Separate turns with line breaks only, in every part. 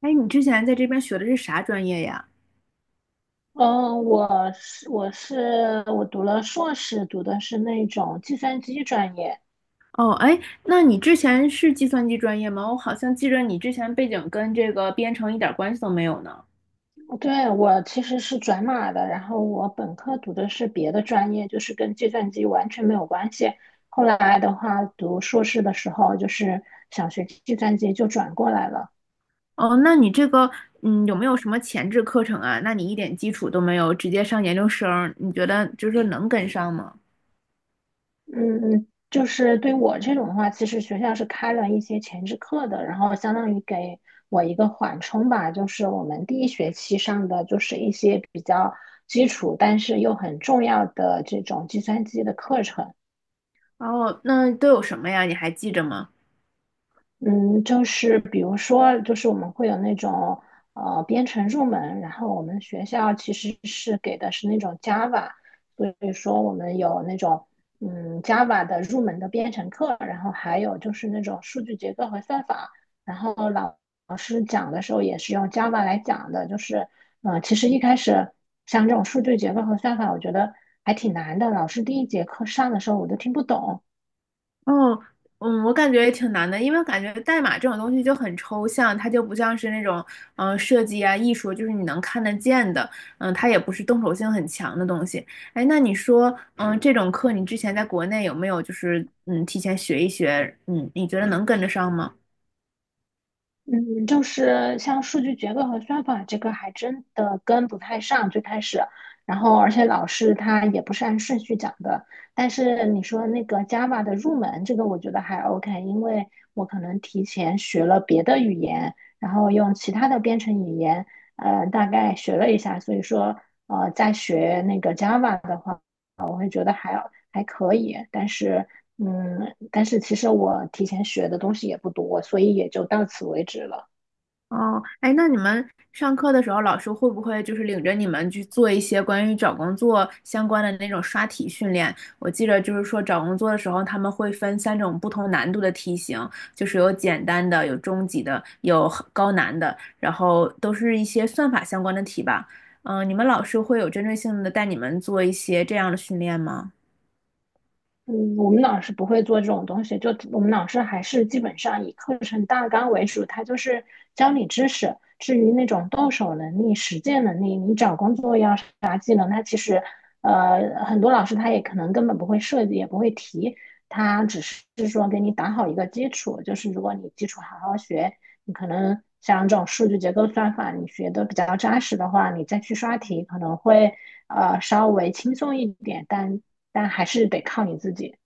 哎，你之前在这边学的是啥专业呀？
嗯，我读了硕士，读的是那种计算机专业。
哦，哎，那你之前是计算机专业吗？我好像记着你之前背景跟这个编程一点关系都没有呢。
对，我其实是转码的，然后我本科读的是别的专业，就是跟计算机完全没有关系。后来的话，读硕士的时候就是想学计算机，就转过来了。
哦，那你这个，有没有什么前置课程啊？那你一点基础都没有，直接上研究生，你觉得就是说能跟上吗？
嗯，就是对我这种的话，其实学校是开了一些前置课的，然后相当于给我一个缓冲吧。就是我们第一学期上的就是一些比较基础，但是又很重要的这种计算机的课程。
哦，那都有什么呀？你还记着吗？
嗯，就是比如说，就是我们会有那种编程入门，然后我们学校其实是给的是那种 Java，所以说我们有那种Java 的入门的编程课，然后还有就是那种数据结构和算法，然后老师讲的时候也是用 Java 来讲的，就是其实一开始像这种数据结构和算法，我觉得还挺难的，老师第一节课上的时候我都听不懂。
哦，嗯，我感觉也挺难的，因为感觉代码这种东西就很抽象，它就不像是那种设计啊、艺术，就是你能看得见的，它也不是动手性很强的东西。哎，那你说，这种课你之前在国内有没有就是提前学一学？嗯，你觉得能跟得上吗？
嗯，就是像数据结构和算法这个还真的跟不太上，最开始，然后而且老师他也不是按顺序讲的。但是你说那个 Java 的入门，这个我觉得还 OK，因为我可能提前学了别的语言，然后用其他的编程语言，大概学了一下，所以说在学那个 Java 的话，我会觉得还要。还可以，但是嗯，但是其实我提前学的东西也不多，所以也就到此为止了。
哦，哎，那你们上课的时候，老师会不会就是领着你们去做一些关于找工作相关的那种刷题训练？我记得就是说找工作的时候，他们会分三种不同难度的题型，就是有简单的、有中级的、有很高难的，然后都是一些算法相关的题吧。嗯，你们老师会有针对性的带你们做一些这样的训练吗？
嗯，我们老师不会做这种东西，就我们老师还是基本上以课程大纲为主，他就是教你知识。至于那种动手能力、实践能力，你找工作要啥技能，他其实很多老师他也可能根本不会设计，也不会提，他只是说给你打好一个基础，就是如果你基础好好学，你可能像这种数据结构算法，你学的比较扎实的话，你再去刷题可能会稍微轻松一点，但还是得靠你自己。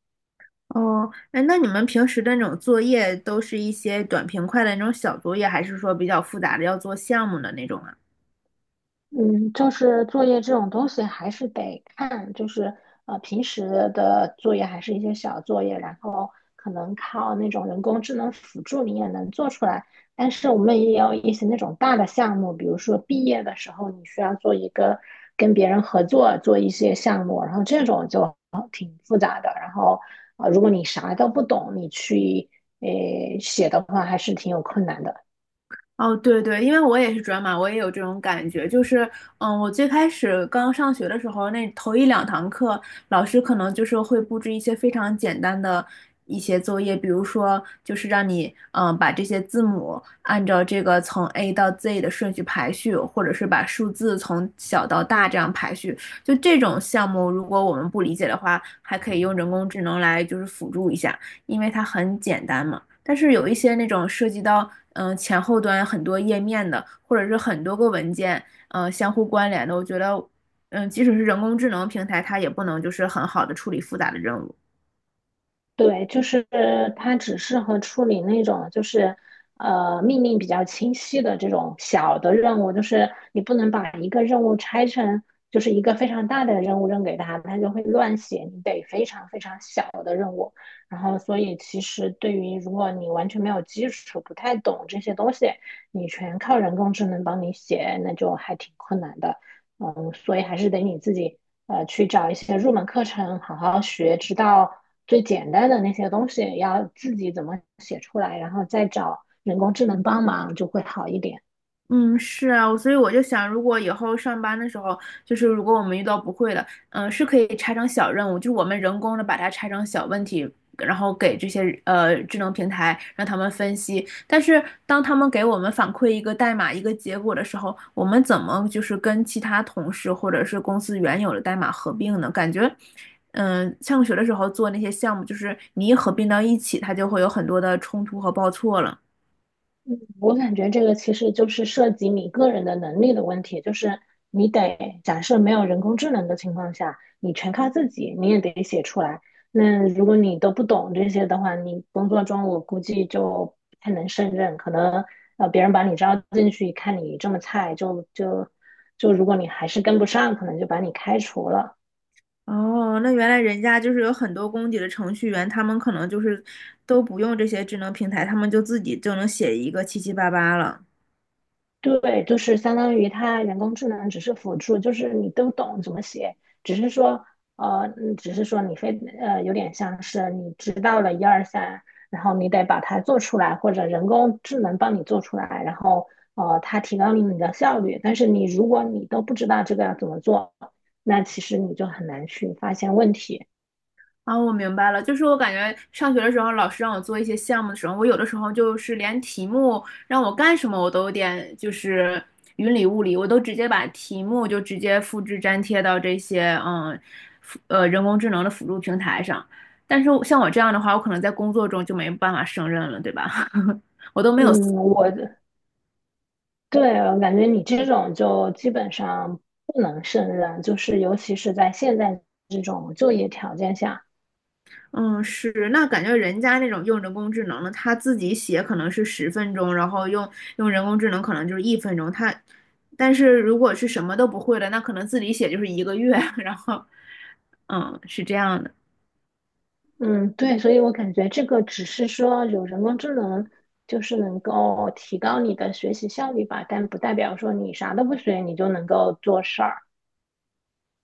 哦，哎，那你们平时的那种作业都是一些短平快的那种小作业，还是说比较复杂的要做项目的那种啊？
嗯，就是作业这种东西还是得看，就是平时的作业还是一些小作业，然后可能靠那种人工智能辅助你也能做出来。但是我们也有一些那种大的项目，比如说毕业的时候你需要做一个跟别人合作做一些项目，然后这种就挺复杂的。然后如果你啥都不懂，你去写的话还是挺有困难的。
哦，对对，因为我也是转码，我也有这种感觉。就是，嗯，我最开始刚上学的时候，那头一两堂课，老师可能就是会布置一些非常简单的一些作业，比如说，就是让你，把这些字母按照这个从 A 到 Z 的顺序排序，或者是把数字从小到大这样排序。就这种项目，如果我们不理解的话，还可以用人工智能来就是辅助一下，因为它很简单嘛。但是有一些那种涉及到前后端很多页面的，或者是很多个文件相互关联的，我觉得即使是人工智能平台，它也不能就是很好的处理复杂的任务。
对，就是它只适合处理那种就是命令比较清晰的这种小的任务，就是你不能把一个任务拆成就是一个非常大的任务扔给他，他就会乱写，你得非常非常小的任务。然后，所以其实对于如果你完全没有基础，不太懂这些东西，你全靠人工智能帮你写，那就还挺困难的。嗯，所以还是得你自己去找一些入门课程好好学，直到最简单的那些东西要自己怎么写出来，然后再找人工智能帮忙就会好一点。
嗯，是啊，我所以我就想，如果以后上班的时候，就是如果我们遇到不会的，是可以拆成小任务，就是我们人工的把它拆成小问题，然后给这些智能平台让他们分析。但是当他们给我们反馈一个代码一个结果的时候，我们怎么就是跟其他同事或者是公司原有的代码合并呢？感觉，上学的时候做那些项目，就是你一合并到一起，它就会有很多的冲突和报错了。
我感觉这个其实就是涉及你个人的能力的问题，就是你得假设没有人工智能的情况下，你全靠自己，你也得写出来。那如果你都不懂这些的话，你工作中我估计就不太能胜任，可能别人把你招进去，看你这么菜，就如果你还是跟不上，可能就把你开除了。
哦，那原来人家就是有很多功底的程序员，他们可能就是都不用这些智能平台，他们就自己就能写一个七七八八了。
对，就是相当于它人工智能只是辅助，就是你都懂怎么写，只是说，只是说你非呃有点像是你知道了一二三，然后你得把它做出来，或者人工智能帮你做出来，然后它提高了你的效率。但是你如果你都不知道这个要怎么做，那其实你就很难去发现问题。
啊，我明白了，就是我感觉上学的时候，老师让我做一些项目的时候，我有的时候就是连题目让我干什么，我都有点就是云里雾里，我都直接把题目就直接复制粘贴到这些人工智能的辅助平台上。但是像我这样的话，我可能在工作中就没办法胜任了，对吧？我都没有思
嗯，我对，我感觉你这种就基本上不能胜任，就是尤其是在现在这种就业条件下，
嗯，是，那感觉人家那种用人工智能的，他自己写可能是10分钟，然后用人工智能可能就是1分钟。他，但是如果是什么都不会的，那可能自己写就是1个月。然后，是这样的。
嗯，对，所以我感觉这个只是说有人工智能，就是能够提高你的学习效率吧，但不代表说你啥都不学，你就能够做事儿。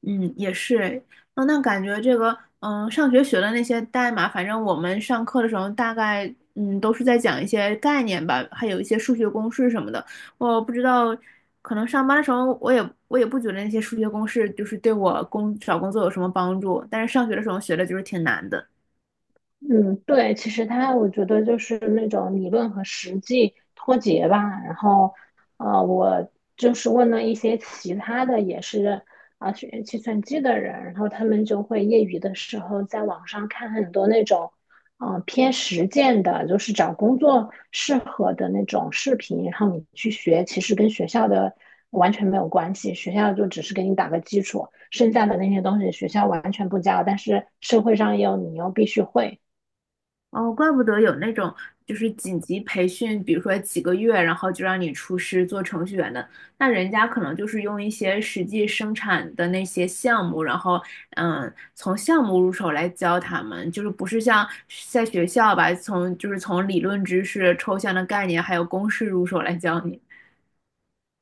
嗯，也是，那感觉这个，上学学的那些代码，反正我们上课的时候大概，都是在讲一些概念吧，还有一些数学公式什么的。我不知道，可能上班的时候，我也不觉得那些数学公式就是对我找工作有什么帮助，但是上学的时候学的就是挺难的。
嗯，对，其实它我觉得就是那种理论和实际脱节吧。然后，我就是问了一些其他的也是学计算机的人，然后他们就会业余的时候在网上看很多那种，嗯、偏实践的，就是找工作适合的那种视频，然后你去学，其实跟学校的完全没有关系，学校就只是给你打个基础，剩下的那些东西学校完全不教，但是社会上又你又必须会。
哦，怪不得有那种就是紧急培训，比如说几个月，然后就让你出师做程序员的，那人家可能就是用一些实际生产的那些项目，然后从项目入手来教他们，就是不是像在学校吧，就是从理论知识、抽象的概念还有公式入手来教你。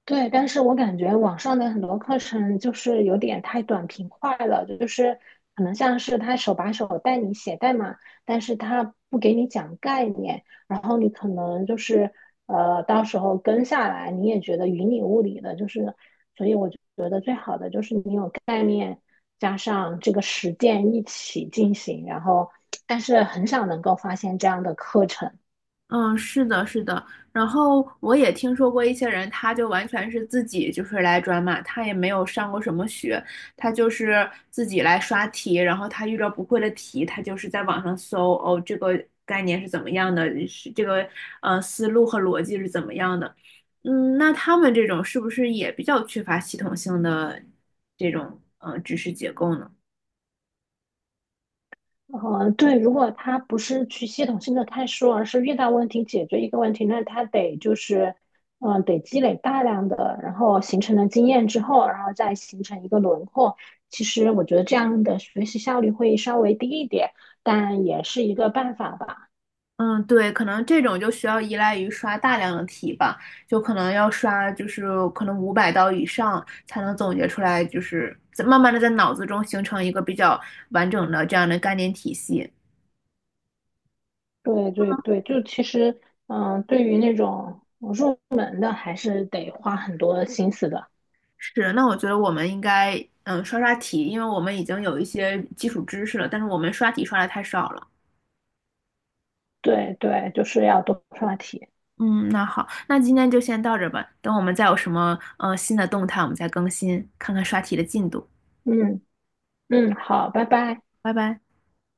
对，但是我感觉网上的很多课程就是有点太短平快了，就是可能像是他手把手带你写代码，但是他不给你讲概念，然后你可能就是到时候跟下来你也觉得云里雾里的，就是，所以我觉得最好的就是你有概念加上这个实践一起进行，然后但是很少能够发现这样的课程。
嗯，是的，是的。然后我也听说过一些人，他就完全是自己就是来转码，他也没有上过什么学，他就是自己来刷题，然后他遇到不会的题，他就是在网上搜，哦，这个概念是怎么样的，是这个思路和逻辑是怎么样的。嗯，那他们这种是不是也比较缺乏系统性的这种知识结构呢？
对，如果他不是去系统性的看书，而是遇到问题解决一个问题，那他得就是，嗯、得积累大量的，然后形成了经验之后，然后再形成一个轮廓。其实我觉得这样的学习效率会稍微低一点，但也是一个办法吧。
嗯，对，可能这种就需要依赖于刷大量的题吧，就可能要刷，就是可能500道以上才能总结出来，就是在慢慢的在脑子中形成一个比较完整的这样的概念体系。
对对对，就其实，嗯、对于那种入门的，还是得花很多心思的。
是，那我觉得我们应该刷刷题，因为我们已经有一些基础知识了，但是我们刷题刷的太少了。
对对，就是要多刷题。
嗯，那好，那今天就先到这儿吧，等我们再有什么新的动态，我们再更新，看看刷题的进度。
嗯好，拜拜。
拜拜。